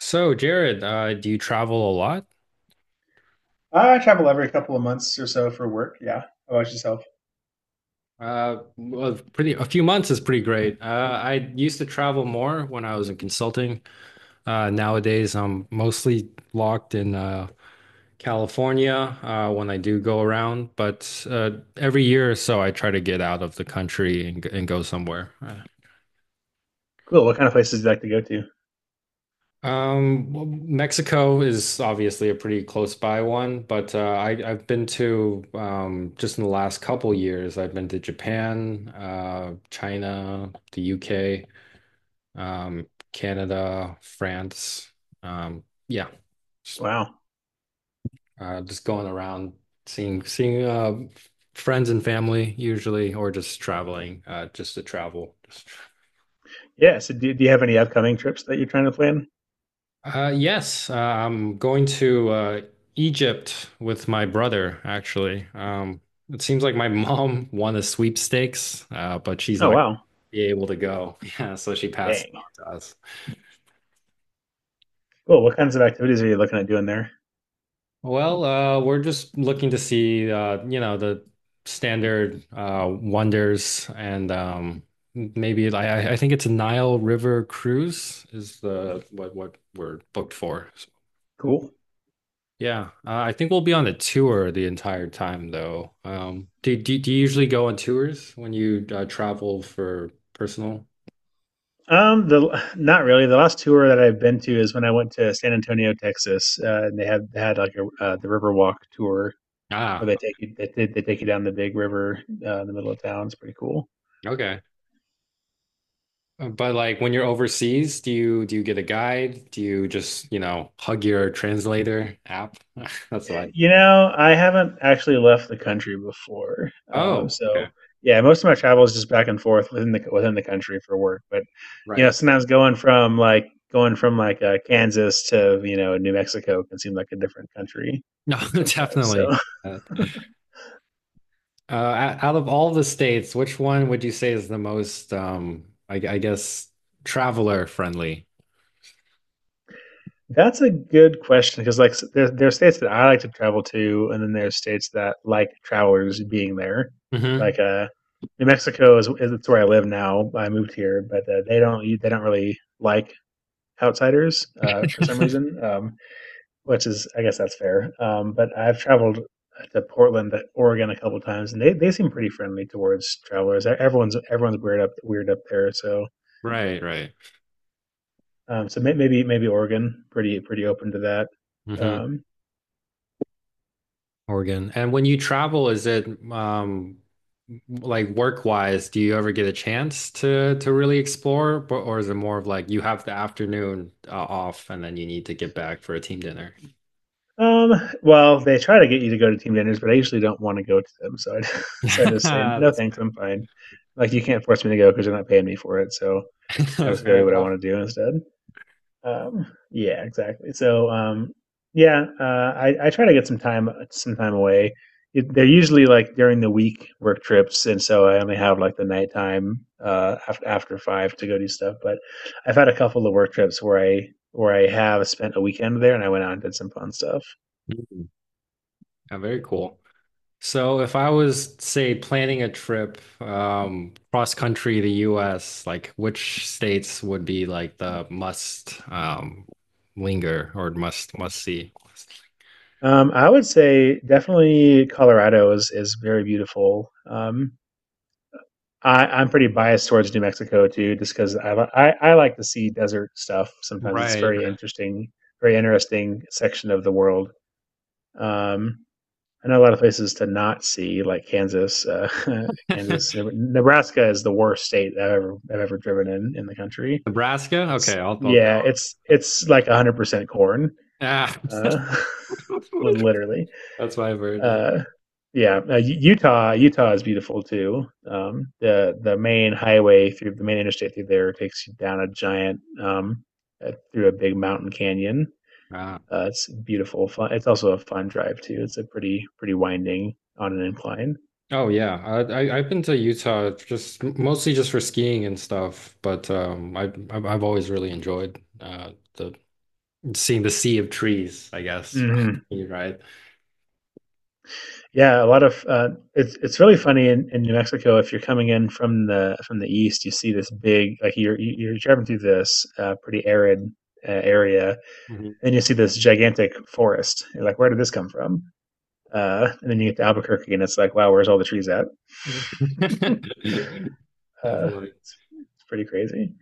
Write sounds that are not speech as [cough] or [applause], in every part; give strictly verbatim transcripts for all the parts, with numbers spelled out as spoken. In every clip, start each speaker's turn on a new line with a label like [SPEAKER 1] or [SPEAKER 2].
[SPEAKER 1] So, Jared, uh, do you travel a lot?
[SPEAKER 2] I travel every couple of months or so for work. Yeah. How about yourself?
[SPEAKER 1] Uh, well, pretty a few months is pretty great. Uh, I used to travel more when I was in consulting. Uh, nowadays, I'm mostly locked in uh, California uh, when I do go around, but uh, every year or so, I try to get out of the country and, and go somewhere. Uh,
[SPEAKER 2] Cool. What kind of places do you like to go to?
[SPEAKER 1] Um, well, Mexico is obviously a pretty close by one, but uh, I, I've been to um, just in the last couple years, I've been to Japan, uh, China, the U K, um, Canada, France. Um, yeah, just,
[SPEAKER 2] Wow.
[SPEAKER 1] uh, just going around seeing seeing uh, friends and family usually, or just traveling, uh, just to travel.
[SPEAKER 2] Yeah. So, do, do you have any upcoming trips that you're trying to plan?
[SPEAKER 1] Uh, yes, uh, I'm going to uh, Egypt with my brother, actually. Um, it seems like my [laughs] mom won the sweepstakes, uh, but she's
[SPEAKER 2] Oh,
[SPEAKER 1] not
[SPEAKER 2] wow.
[SPEAKER 1] be able to go. [laughs] Yeah, so she passed it
[SPEAKER 2] Dang.
[SPEAKER 1] on to us.
[SPEAKER 2] Cool. What kinds of activities are you looking at doing there?
[SPEAKER 1] Well, uh, we're just looking to see, uh, you know, the standard uh, wonders and um, maybe I, I I think it's a Nile River cruise is the what what we're booked for.
[SPEAKER 2] Cool.
[SPEAKER 1] Yeah, uh, I think we'll be on a tour the entire time, though. Um, do, do, do you usually go on tours when you uh, travel for personal?
[SPEAKER 2] Um, the not really. The last tour that I've been to is when I went to San Antonio, Texas, uh, and they had they had like a uh, the Riverwalk tour where
[SPEAKER 1] Ah,
[SPEAKER 2] they take you they, they they take you down the big river uh, in the middle of town. It's pretty cool.
[SPEAKER 1] okay. Uh, But like when you're overseas, do you do you get a guide? Do you just, you know, hug your translator app? [laughs] That's what I.
[SPEAKER 2] You know, I haven't actually left the country before, um,
[SPEAKER 1] Oh, okay.
[SPEAKER 2] so yeah, most of my travel is just back and forth within the within the country for work. But you know,
[SPEAKER 1] Right.
[SPEAKER 2] sometimes going from like going from like uh, Kansas to you know New Mexico can seem like a different country
[SPEAKER 1] No, [laughs]
[SPEAKER 2] sometimes.
[SPEAKER 1] definitely.
[SPEAKER 2] So
[SPEAKER 1] Uh, uh, Out of all the states, which one would you say is the most, um, I, I guess, traveler friendly?
[SPEAKER 2] [laughs] that's a good question because like s- there there are states that I like to travel to, and then there's states that like travelers being there.
[SPEAKER 1] Hmm.
[SPEAKER 2] Like uh, New Mexico is is it's where I live now. I moved here, but uh, they don't they don't really like outsiders uh, for some reason, um, which is I guess that's fair. Um, but I've traveled to Portland, uh, Oregon, a couple times, and they, they seem pretty friendly towards travelers. E-, Everyone's everyone's weird up weird up there, so
[SPEAKER 1] Right, right.
[SPEAKER 2] um, so may- maybe maybe Oregon pretty pretty open to that.
[SPEAKER 1] Mhm.
[SPEAKER 2] Um,
[SPEAKER 1] Oregon. And when you travel, is it um like work-wise, do you ever get a chance to to really explore, or, or is it more of like you have the afternoon uh, off and then you need to get back for a team dinner?
[SPEAKER 2] um, well, they try to get you to go to team dinners, but I usually don't want to go to them, so I [laughs] so I
[SPEAKER 1] [laughs]
[SPEAKER 2] just say no
[SPEAKER 1] That's
[SPEAKER 2] thanks, I'm fine. Like you can't force me to go because they're not paying me for it, so I'll
[SPEAKER 1] [laughs]
[SPEAKER 2] just go
[SPEAKER 1] fair
[SPEAKER 2] do what I
[SPEAKER 1] enough.
[SPEAKER 2] want to do instead. Um, yeah, exactly. So, um, yeah, uh, I, I try to get some time some time away. It, they're usually like during the week work trips, and so I only have like the nighttime uh, after after five to go do stuff. But I've had a couple of work trips where I where I have spent a weekend there, and I went out and did some fun stuff.
[SPEAKER 1] Mm. Yeah, very cool. So if I was, say, planning a trip um cross country the U S, like which states would be like the must um linger or must must see?
[SPEAKER 2] Um, I would say definitely Colorado is is very beautiful. Um, I, I'm pretty biased towards New Mexico too, just because I, li- I I like to see desert stuff. Sometimes it's
[SPEAKER 1] Right,
[SPEAKER 2] very
[SPEAKER 1] right.
[SPEAKER 2] interesting, very interesting section of the world. Um, I know a lot of places to not see, like Kansas. Uh, [laughs] Kansas,
[SPEAKER 1] [laughs]
[SPEAKER 2] Neb- Nebraska is the worst state I've ever I've ever driven in in the country.
[SPEAKER 1] Nebraska?
[SPEAKER 2] It's
[SPEAKER 1] Okay, I'll, I'll,
[SPEAKER 2] yeah,
[SPEAKER 1] I'll
[SPEAKER 2] it's it's like one hundred percent corn,
[SPEAKER 1] ah. [laughs]
[SPEAKER 2] uh, [laughs] literally
[SPEAKER 1] That's why I've heard it.
[SPEAKER 2] uh, yeah, uh, Utah, Utah is beautiful too. Um, the the main highway through the main interstate through there takes you down a giant um, uh, through a big mountain canyon.
[SPEAKER 1] Ah.
[SPEAKER 2] Uh, it's beautiful. Fun. It's also a fun drive too. It's a pretty pretty winding on an incline.
[SPEAKER 1] Oh yeah, I, I I've been to Utah just mostly just for skiing and stuff, but um, I I've I've always really enjoyed uh the seeing the sea of trees, I guess.
[SPEAKER 2] Hmm.
[SPEAKER 1] [laughs] You're right.
[SPEAKER 2] Yeah, a lot of uh, it's it's really funny in, in New Mexico. If you're coming in from the from the east, you see this big like you're you- you're driving through this uh, pretty arid uh, area,
[SPEAKER 1] Mhm.
[SPEAKER 2] and you see this gigantic forest. You're like, where did this come from? Uh, and then you get to Albuquerque, and it's like, wow, where's all the trees at?
[SPEAKER 1] [laughs] Definitely.
[SPEAKER 2] Uh, it's, it's pretty crazy.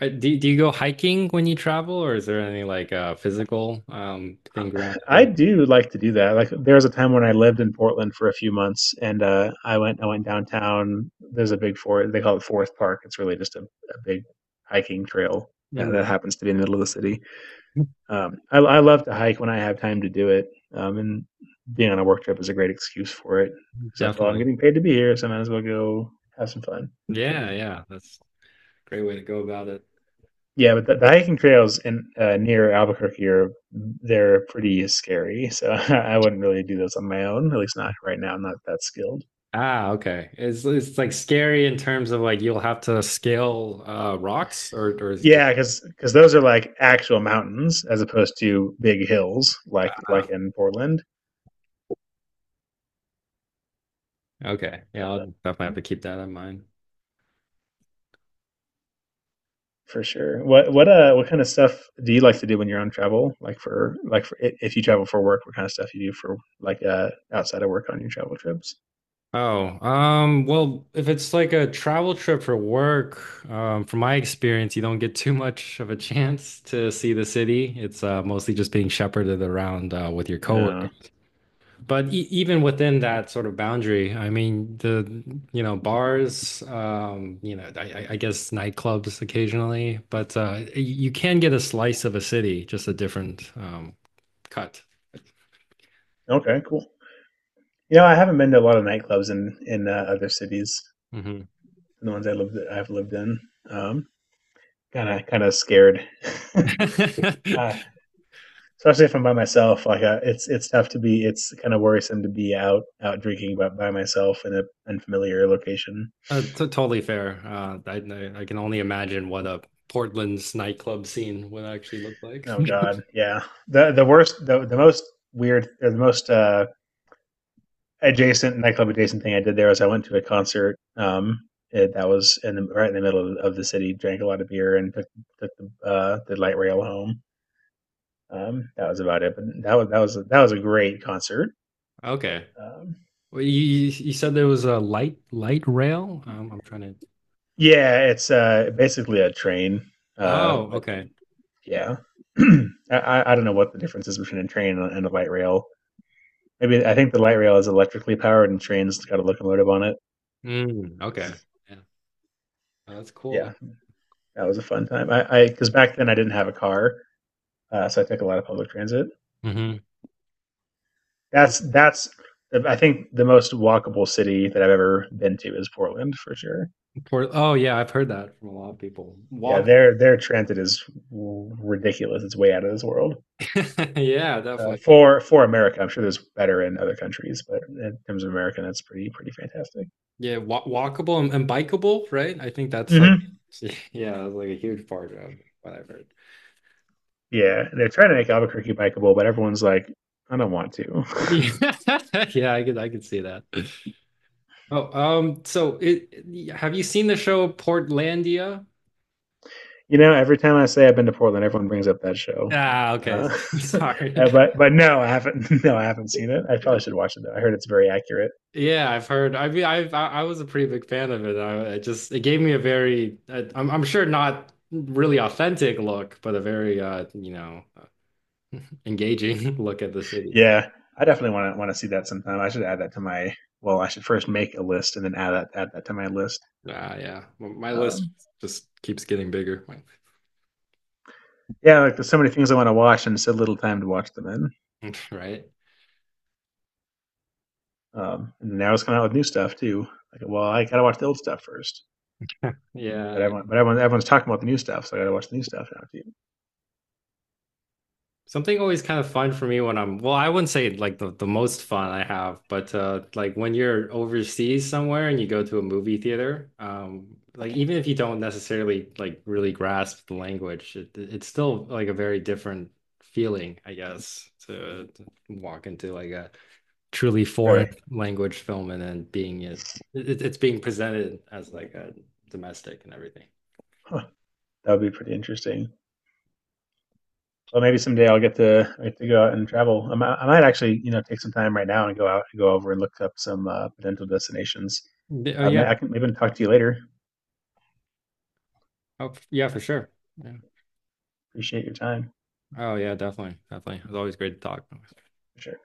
[SPEAKER 1] Uh, Do do you go hiking when you travel, or is there any like uh physical um thing around
[SPEAKER 2] I
[SPEAKER 1] you?
[SPEAKER 2] do like to do that. Like there was a time when I lived in Portland for a few months, and uh, I went I went downtown. There's a big forest, they call it Forest Park. It's really just a, a big hiking trail that, that
[SPEAKER 1] Mhm.
[SPEAKER 2] happens to be in the middle of the city. Um, I I love to hike when I have time to do it. Um, and being on a work trip is a great excuse for it. It's like, well, I'm
[SPEAKER 1] Definitely.
[SPEAKER 2] getting paid to be here, so I might as well go have some fun.
[SPEAKER 1] Yeah, yeah. That's great way to go about it.
[SPEAKER 2] Yeah, but the, the hiking trails in uh, near Albuquerque are they're pretty scary. So [laughs] I wouldn't really do those on my own, at least not right now. I'm not that skilled.
[SPEAKER 1] Ah, okay. It's it's like scary in terms of like you'll have to scale uh rocks or or is just
[SPEAKER 2] Yeah, because because those are like actual mountains as opposed to big hills like like
[SPEAKER 1] ah,
[SPEAKER 2] in Portland
[SPEAKER 1] okay. Yeah, I'll definitely have to keep that in mind.
[SPEAKER 2] for sure. What what uh what kind of stuff do you like to do when you're on travel? Like for like for i- if you travel for work, what kind of stuff you do for like uh, outside of work on your travel trips?
[SPEAKER 1] Oh, um, well, if it's like a travel trip for work, um, from my experience, you don't get too much of a chance to see the city. It's uh mostly just being shepherded around uh with your
[SPEAKER 2] Yeah.
[SPEAKER 1] coworkers. But e even within that sort of boundary, I mean, the, you know, bars, um, you know, I, I I guess nightclubs occasionally, but uh, y- you can get a slice of a city, just a different um, cut.
[SPEAKER 2] Okay. Cool. You know, I haven't been to a lot of nightclubs in in uh, other cities
[SPEAKER 1] Hmm.
[SPEAKER 2] than the ones I lived I've lived in. Um, kind of kind of scared, [laughs] uh,
[SPEAKER 1] [laughs]
[SPEAKER 2] especially if I'm by myself. Like uh, it's it's tough to be. It's kind of worrisome to be out out drinking by, by myself in a unfamiliar location.
[SPEAKER 1] Uh, t totally fair. Uh, I, I I can only imagine what a Portland's nightclub scene would actually look like. [laughs]
[SPEAKER 2] Oh God, yeah. the The worst, the the most weird, or the most uh, adjacent nightclub adjacent thing I did there was I went to a concert. Um, it, that was in the, right in the middle of, the city. Drank a lot of beer and took, took the uh, the light rail home. Um, that was about it. But that was that was that was a great concert.
[SPEAKER 1] Okay.
[SPEAKER 2] Um,
[SPEAKER 1] Well, you you you said there was a light light rail. Um, I'm trying to.
[SPEAKER 2] yeah, it's uh, basically a train. Uh,
[SPEAKER 1] Oh,
[SPEAKER 2] but
[SPEAKER 1] okay.
[SPEAKER 2] yeah, [clears throat] I, I don't know what the difference is between a train and a light rail. Maybe I think the light rail is electrically powered, and trains got a locomotive on it.
[SPEAKER 1] Mm, okay. Oh, that's cool
[SPEAKER 2] Yeah, that was a fun time. I because back then I didn't have a car, uh, so I took a lot of public transit.
[SPEAKER 1] though. Hmm.
[SPEAKER 2] That's that's I think the most walkable city that I've ever been to is Portland for sure.
[SPEAKER 1] Oh yeah, I've heard that from a lot of people.
[SPEAKER 2] Yeah,
[SPEAKER 1] Walk
[SPEAKER 2] their their transit is ridiculous. It's way out of this world.
[SPEAKER 1] [laughs] yeah,
[SPEAKER 2] Uh,
[SPEAKER 1] definitely.
[SPEAKER 2] for for America, I'm sure there's better in other countries, but in terms of America, that's pretty pretty fantastic.
[SPEAKER 1] Yeah, wa walkable and, and bikeable, right? I think that's like
[SPEAKER 2] Hmm.
[SPEAKER 1] [laughs] yeah, that's like a huge part of what I've heard. [laughs]
[SPEAKER 2] Yeah, they're trying to make Albuquerque bikeable, but everyone's like, I don't want to.
[SPEAKER 1] Yeah, [laughs] yeah, I could I could see that. Oh, um, so it have you seen the show Portlandia?
[SPEAKER 2] You know, every time I say I've been to Portland, everyone brings up that show.
[SPEAKER 1] Ah, okay.
[SPEAKER 2] Uh,
[SPEAKER 1] [laughs]
[SPEAKER 2] [laughs]
[SPEAKER 1] Sorry.
[SPEAKER 2] but but no, I haven't. [laughs] No, I haven't seen it. I probably
[SPEAKER 1] [laughs]
[SPEAKER 2] should watch it though. I heard it's very accurate.
[SPEAKER 1] Yeah, I've heard. I mean, I I I was a pretty big fan of it. I, it just it gave me a very I, I'm I'm sure not really authentic look, but a very uh you know uh, engaging [laughs] look at the city.
[SPEAKER 2] Yeah, I definitely want to want to see that sometime. I should add that to my. Well, I should first make a list, and then add that add that to my list.
[SPEAKER 1] Uh, yeah, my my list
[SPEAKER 2] Um,
[SPEAKER 1] just keeps getting bigger,
[SPEAKER 2] yeah, like there's so many things I want to watch and so little time to watch them in.
[SPEAKER 1] [laughs] right?
[SPEAKER 2] Um, and they always come out with new stuff too. Like, well, I gotta watch the old stuff first. But
[SPEAKER 1] Yeah.
[SPEAKER 2] everyone, but everyone, everyone's talking about the new stuff, so I got to watch the new stuff now too.
[SPEAKER 1] Something always kind of fun for me when I'm, well, I wouldn't say like the, the most fun I have, but uh, like when you're overseas somewhere and you go to a movie theater, um, like even if you don't necessarily like really grasp the language, it, it's still like a very different feeling, I guess, to, to walk into like a truly foreign
[SPEAKER 2] Really,
[SPEAKER 1] language film and then being it, it it's being presented as like a domestic and everything.
[SPEAKER 2] huh. That would be pretty interesting. Well, maybe someday I'll get to I get to go out and travel. I might, I might actually, you know, take some time right now and go out, and go over and look up some uh, potential destinations.
[SPEAKER 1] Oh
[SPEAKER 2] Uh, may- I
[SPEAKER 1] yeah,
[SPEAKER 2] can maybe talk to you later.
[SPEAKER 1] oh, yeah, for sure. Yeah.
[SPEAKER 2] Appreciate your time
[SPEAKER 1] Oh yeah, definitely, definitely. It was always great to talk.
[SPEAKER 2] for sure.